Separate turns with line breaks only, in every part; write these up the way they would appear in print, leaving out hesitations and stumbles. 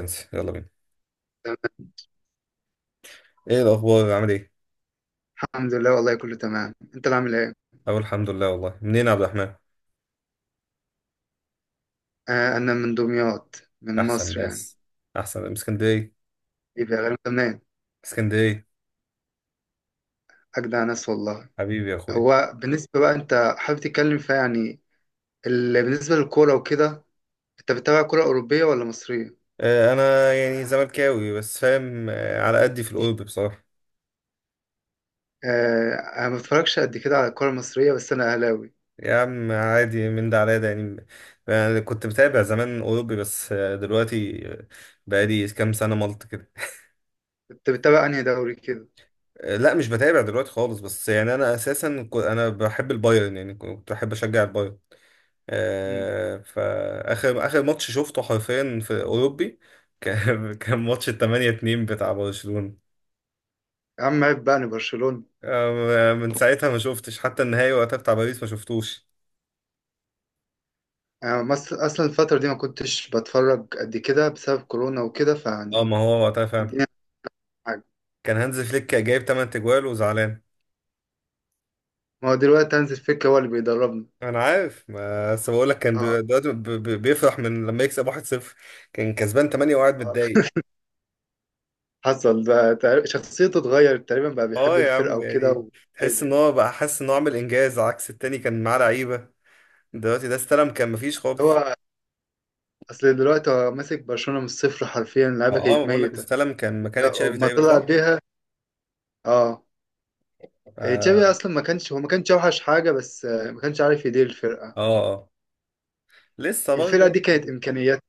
انسى يلا بينا.
تمام.
ايه الاخبار عامل ايه؟
الحمد لله والله كله تمام، انت اللي عامل ايه؟
اقول الحمد لله والله. منين يا عبد الرحمن؟
آه انا من دمياط، من
احسن
مصر يعني.
ناس. احسن من اسكندريه.
ايه بقى غير تمام.
اسكندريه.
اجدع ناس والله.
حبيبي يا اخوي.
هو بالنسبه بقى انت حابب تتكلم فيها يعني بالنسبه للكوره وكده. انت بتتابع كوره اوروبيه ولا مصريه؟
آه انا يعني زملكاوي بس فاهم آه على قدي في الاوروبي بصراحه.
آه انا ما بتفرجش قد كده على الكوره المصريه، بس انا اهلاوي.
يا عم عادي من ده على ده يعني. أنا كنت متابع زمان اوروبي بس دلوقتي بقالي كام سنه ملط كده.
انت بتتابع انهي دوري كده؟
آه لا مش بتابع دلوقتي خالص، بس يعني انا اساسا انا بحب البايرن، يعني كنت بحب اشجع البايرن.
مم.
فآخر آخر ماتش شفته حرفيا في أوروبي كان كان ماتش التمانية اتنين بتاع برشلونة.
يا عم عيب بقى، انا برشلونه.
من ساعتها ما شفتش، حتى النهائي وقتها بتاع باريس ما شفتوش.
آه مصر اصلا الفتره دي ما كنتش بتفرج قد كده بسبب كورونا وكده،
اه
فيعني
ما هو وقتها فعلا
الدنيا حاجه.
كان هانز فليك جايب 8 تجوال وزعلان.
ما هو دلوقتي هانز فليك هو اللي بيدربنا.
انا عارف بس بقول لك كان
آه.
دلوقتي بيفرح من لما يكسب 1-0. كان كسبان 8 وقاعد متضايق.
حصل بقى شخصيته اتغيرت، تقريبا بقى
اه
بيحب
يا
الفرقة
عم
وكده
يعني،
و
تحس
أيوة.
ان هو بقى حاسس ان هو عامل انجاز، عكس التاني كان معاه لعيبه، دلوقتي ده استلم كان مفيش
هو
خالص.
أصل دلوقتي هو ماسك برشلونة من الصفر حرفيا، اللعيبة
اه
كانت
بقول لك
ميتة
استلم كان مكان تشافي
وما
تقريبا،
طلع
صح؟
بيها. اه. إيه، تشافي
اه.
أصلا ما كانش هو ما كانش أوحش حاجة، بس ما كانش عارف يدير الفرقة.
اه. آه. لسه برضه
الفرقة دي
يعني.
كانت إمكانيات.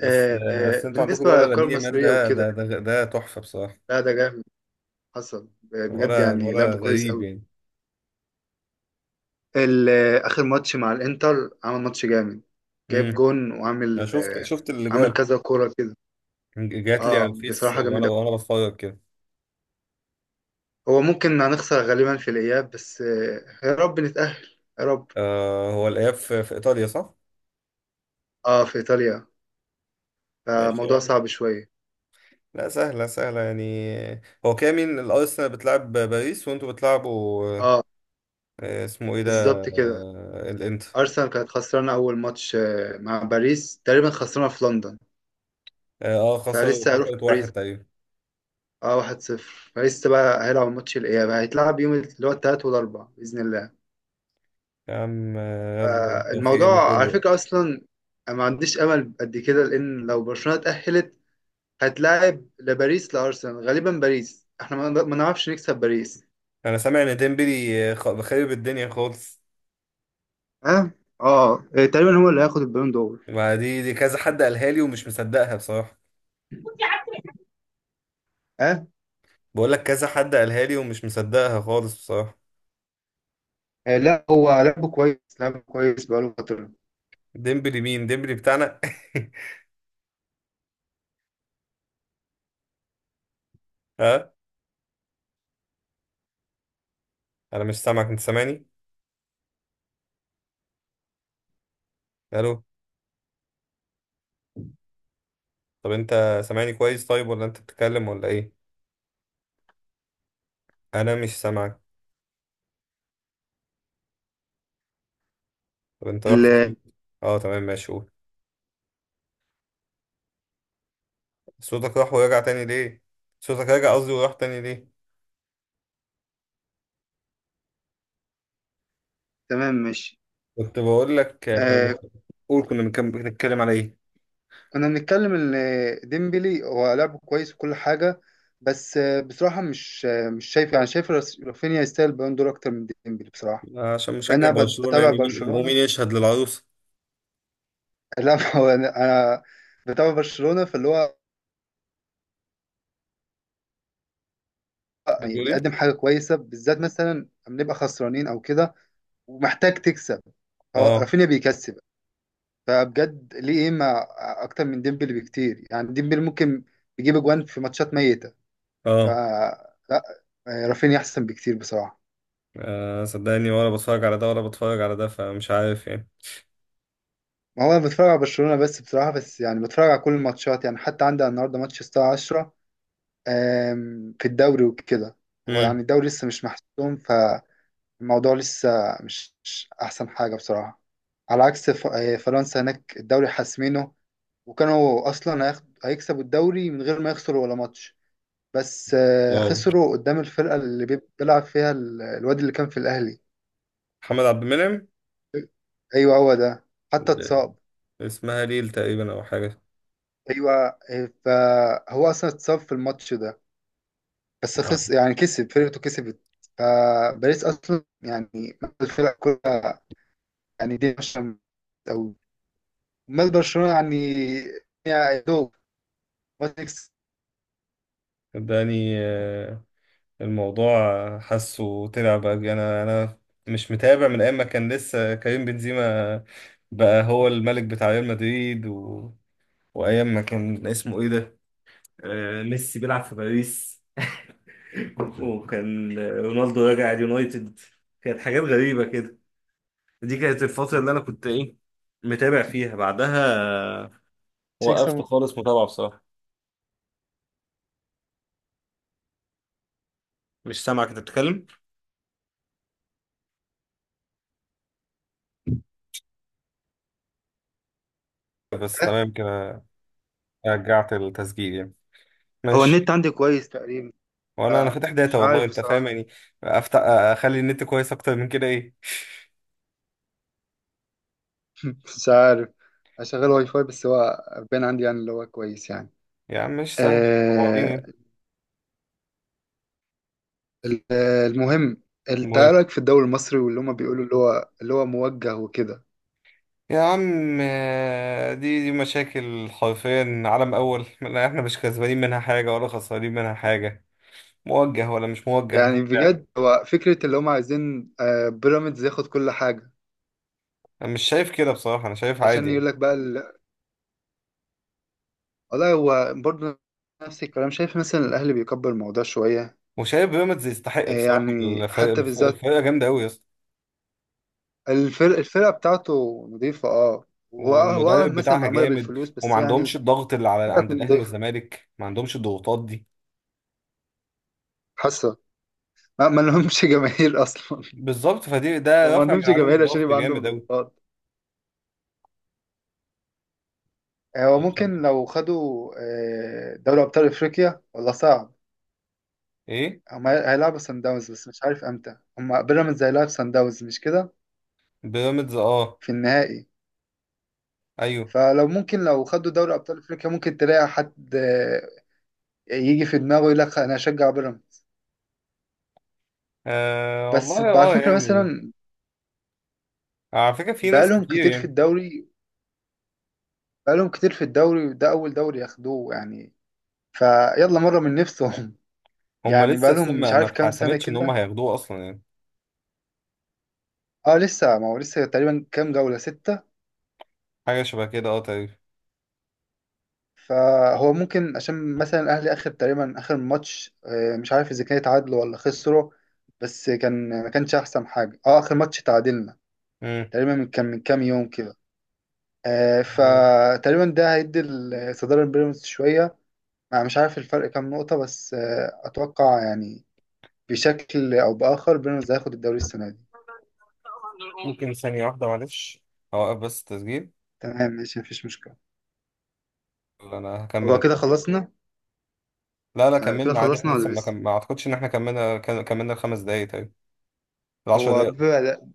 بس بس انتوا عندكم
بالنسبة
الولا
للكرة
لامين يامال،
المصرية
ده
وكده،
ده ده, ده تحفه بصراحه.
لا ده جامد. حصل بجد
الولا
يعني،
الولا
لعب كويس
غريب
أوي.
يعني.
آخر ماتش مع الإنتر عمل ماتش جامد، جايب
امم
جون
انا
وعامل
شفت شفت
عامل
الاجوال،
كذا كورة كده.
جات لي على
اه
الفيس
بصراحة جامد
وانا
أوي.
وانا بتفرج كده.
هو ممكن هنخسر غالبا في الإياب، بس يا رب نتأهل. يا رب.
آه، هو الاياب في ايطاليا صح؟
اه في إيطاليا،
ماشي يا
فموضوع
عم.
صعب شوية.
لا سهله سهله يعني. هو كامل الارسنال بتلعب باريس وانتوا بتلعبوا
اه
اسمه ايه ده
بالظبط كده.
الانتر.
أرسنال كانت خسرانة أول ماتش مع باريس، تقريبا خسرانة في لندن،
خسروا
فلسه هيروح
خسرت
باريس.
واحد تقريبا.
اه 1-0. فلسه بقى هيلعب ماتش الإياب، هيتلعب يوم اللي هو التلات والأربع بإذن الله.
يا عم يلا بالتوفيق
فالموضوع على
لكله.
فكرة أصلا أنا ما عنديش أمل قد كده، لأن لو برشلونة اتأهلت هتلاعب لباريس، لارسنال غالبا. باريس احنا ما نعرفش نكسب باريس.
انا سامع ان ديمبلي خارب الدنيا خالص.
اه. اه تقريبا هو اللي هياخد البالون دور.
ما دي كذا حد قالها لي ومش مصدقها بصراحة.
اه
بقول لك كذا حد قالها لي ومش مصدقها خالص بصراحة.
إيه، لا هو لعبه كويس، لعبه كويس بقاله فترة.
ديمبلي مين؟ ديمبلي بتاعنا؟ ها. انا مش سامعك، انت سامعني؟ الو. طب انت سامعني كويس، طيب ولا انت بتتكلم ولا ايه؟ انا مش سامعك. طب انت رحت
ال-
فين؟ اه تمام ماشي قول. صوتك راح ورجع تاني ليه؟ صوتك رجع قصدي، وراح تاني ليه؟
تمام ماشي.
كنت بقول لك
آه
قول، كنا بنتكلم على ايه؟
كنا بنتكلم ان ديمبلي هو لعبه كويس وكل حاجة، بس بصراحة مش شايف، يعني رافينيا يستاهل البالون دور اكتر من ديمبلي بصراحة.
عشان
لان
مشجع
انا
برشلونة
بتابع
يعني، مين
برشلونة.
ومين يشهد للعروس؟
لا هو انا، أنا بتابع برشلونة، فاللي هو يعني
بتقول ايه؟
بيقدم حاجة كويسة، بالذات مثلا لما نبقى خسرانين أو كده ومحتاج تكسب، هو
اه.
رافينيا بيكسب. فبجد ليه إيه ما، أكتر من ديمبلي بكتير، يعني ديمبلي ممكن يجيب أجوان في ماتشات ميتة.
اه.
فلا، رافينيا أحسن بكتير بصراحة.
آه، صدقني ولا بتفرج على ده ولا بتفرج على ده، فمش عارف يعني.
ما هو أنا بتفرج على برشلونة بس بصراحة، بس يعني بتفرج على كل الماتشات، يعني حتى عندي النهاردة ماتش الساعة 10، في الدوري وكده. هو يعني
امم.
الدوري لسه مش محسوم، الموضوع لسه مش أحسن حاجة بصراحة. على عكس فرنسا، هناك الدوري حاسمينه، وكانوا أصلا هيكسبوا الدوري من غير ما يخسروا ولا ماتش. بس
واو.
خسروا قدام الفرقة اللي بيلعب فيها الواد اللي كان في الأهلي.
محمد عبد المنعم.
أيوه هو ده. حتى اتصاب.
اسمها ليل تقريبا او حاجة.
أيوه فهو أصلا اتصاب في الماتش ده، بس
آه.
خس يعني كسب، فرقته كسبت. فباريس أصلا يعني الفرق كلها، يعني دي مش أوي. امال برشلونه يعني، يعني يا دوب. بس
صدقني الموضوع حاسه طلع بقى، انا مش متابع من ايام ما كان لسه كريم بنزيما بقى هو الملك بتاع ريال مدريد و... وايام ما كان اسمه ايه ده، ميسي بيلعب في باريس، وكان رونالدو راجع اليونايتد. كانت حاجات غريبة كده. دي كانت الفترة اللي أنا كنت إيه، متابع فيها، بعدها
مش
وقفت
هيكسب.
خالص متابعة بصراحة. مش سامع كنت بتتكلم، بس تمام كده، رجعت التسجيل يعني.
هو
ماشي.
النت عندي كويس تقريبا.
وانا
آه،
فاتح داتا
مش
والله،
عارف
انت فاهم
بصراحة.
يعني. افتح اخلي النت كويس اكتر من كده ايه.
مش عارف أشغل واي فاي، بس هو باين عندي يعني، اللي هو كويس يعني.
يا عم مش سهل، بعضين
آه.
يعني.
المهم، انت إيه
المهم
رأيك في الدوري المصري واللي هما بيقولوا اللي هو موجه وكده؟
يا عم، دي مشاكل حرفيا عالم اول، لا احنا مش كسبانين منها حاجه ولا خسرانين منها حاجه، موجه ولا مش موجه.
يعني بجد هو فكرة اللي هما عايزين بيراميدز ياخد كل حاجة
انا مش شايف كده بصراحه، انا شايف عادي
عشان
يعني.
يقول لك بقى والله هو برضه نفس الكلام، شايف مثلا الأهلي بيكبر الموضوع شوية.
وشايف بيراميدز يستحق بصراحه.
يعني
الفريق
حتى بالذات
الفرقه جامده قوي يا اسطى.
الفرقة بتاعته نظيفة، اه. هو
والمدرب
مثلا
بتاعها
معمولة
جامد.
بالفلوس
وما
بس يعني،
عندهمش الضغط اللي على
فرقة
عند
تكون
الاهلي
نظيفة،
والزمالك، ما عندهمش الضغوطات دي.
حاسة ما لهمش جماهير أصلا.
بالظبط، فدي
هو
ده
ما
رافع من
عندهمش
عليهم
جماهير عشان
الضغط
يبقى عندهم
جامد قوي.
ضغوطات. هو ممكن لو خدوا دوري أبطال أفريقيا، والله صعب.
ايه.
هم هيلعبوا سان داونز، بس مش عارف امتى. هم بيراميدز هيلعب سان داونز مش كده،
بيراميدز اه.
في النهائي؟
ايوه.
فلو ممكن لو خدوا دوري أبطال أفريقيا، ممكن تلاقي حد يجي في دماغه يقول لك أنا أشجع بيراميدز.
آه
بس
والله
على
اه
فكرة
يعني.
مثلا
على فكره في ناس
بقالهم
كتير
كتير في
يعني.
الدوري، بقالهم كتير في الدوري، وده أول دوري ياخدوه يعني، فيلا مرة من نفسهم.
هم
يعني
لسه
بقالهم
اصلا
مش
ما
عارف كام سنة
اتحسمتش ان هم
كده.
هياخدوه اصلا يعني.
اه لسه، ما هو لسه تقريبا كام جولة، ستة.
حاجه شبه كده اه تقريبا.
فهو ممكن عشان مثلا الأهلي آخر تقريبا آخر ماتش، مش عارف إذا كان اتعادلوا ولا خسروا، بس كان ما كانش أحسن حاجة. اه آخر ماتش تعادلنا تقريبا من كام يوم كده.
امم.
فتقريبا ده هيدي الصدارة لبيراميدز شوية. أنا مش عارف الفرق كام نقطة، بس أتوقع يعني بشكل أو بآخر بيراميدز هياخد الدوري السنة دي.
ممكن ثانية واحدة معلش، أوقف بس التسجيل،
تمام ماشي، مفيش مشكلة.
ولا أنا
هو
هكمل؟
كده خلصنا؟
لا لا
كده
كملنا عادي، احنا
خلصنا
لسه
ولا
ما, كم...
لسه؟
ما أعتقدش إن احنا كملنا، كملنا الخمس دقايق، طيب العشر
هو
دقايق.
بيبقى،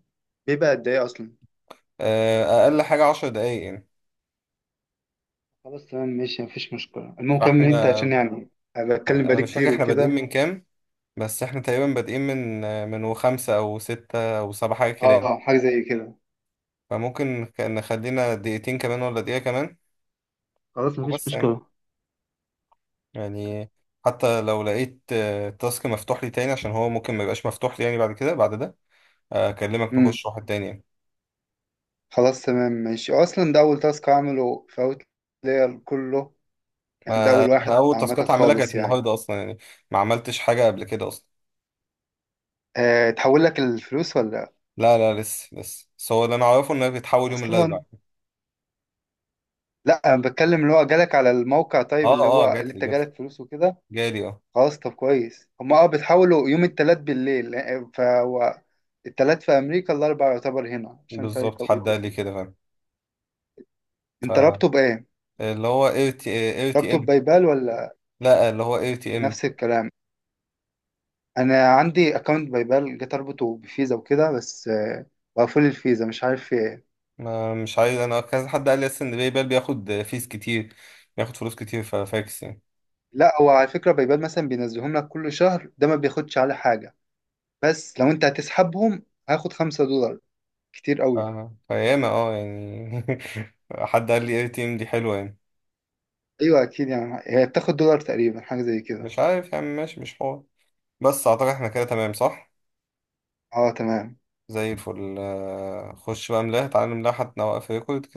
قد إيه أصلا؟
آه، أقل حاجة عشر دقايق يعني.
خلاص تمام ماشي مفيش مشكلة، المهم كمل أنت
فاحنا،
عشان يعني أنا بتكلم
أنا
بقالي
مش فاكر
كتير
احنا بادئين
وكده.
من كام، بس احنا تقريبا بادئين من، من وخمسة أو ستة أو سبعة حاجة
أه
كده يعني.
آه، حاجة زي كده.
فممكن نخلينا دقيقتين كمان، ولا دقيقة كمان،
خلاص مفيش
وبس يعني.
مشكلة.
يعني حتى لو لقيت تاسك مفتوح لي تاني، عشان هو ممكن ما يبقاش مفتوح لي يعني بعد كده بعد ده، أكلمك
امم.
نخش واحد تاني يعني.
خلاص تمام ماشي، أصلا ده أول تاسك أعمله في أوتلاير كله، يعني ده
ما
أول
انا
واحد
اول
عامة
تاسكات هعملها كانت
خالص يعني.
النهارده اصلا يعني، ما عملتش حاجه قبل كده اصلا.
أه تحول لك الفلوس ولا
لا لا لسه بس هو اللي انا اعرفه انها بتتحول يوم
أصلا؟
الاربعاء.
لا انا بتكلم اللي هو جالك على الموقع، طيب
اه.
اللي
اه
هو اللي
جات لي
انت
جات لي
جالك فلوس وكده.
جالي اه.
خلاص طب كويس، هما اه بتحاولوا يوم التلات بالليل فهو التلات في امريكا الاربع يعتبر هنا عشان فرق
بالظبط حد
التوقيت
قال لي
وكده.
كده.
انت
فاهم.
رابطه بايه؟
فاللي هو اير تي اير تي
رابطه
ام
ببايبال ولا؟
لا اللي هو اير تي ام.
نفس الكلام. انا عندي اكونت بايبال، جيت اربطه بفيزا وكده، بس بقفل الفيزا مش عارف في ايه.
ما مش عايز، انا كذا حد قال لي اصلا ان باي بال بياخد فيس كتير، بياخد فلوس كتير ففاكس يعني.
لا هو على فكرة بايبال مثلا بينزلهم لك كل شهر، ده ما بياخدش على حاجة، بس لو انت هتسحبهم هاخد $5، كتير
ف-
قوي.
فياما اه يعني. حد قال لي اير تي ام دي حلوه يعني.
ايوه اكيد يعني، هي بتاخد دولار تقريبا، حاجه زي كده.
مش عارف يعني، ماشي مش حوار. بس اعتقد احنا كده تمام صح؟
اه تمام.
زي الفل. آه، خش بقى، ملاها تعالى نملاها حتى نوقف ريكورد كده.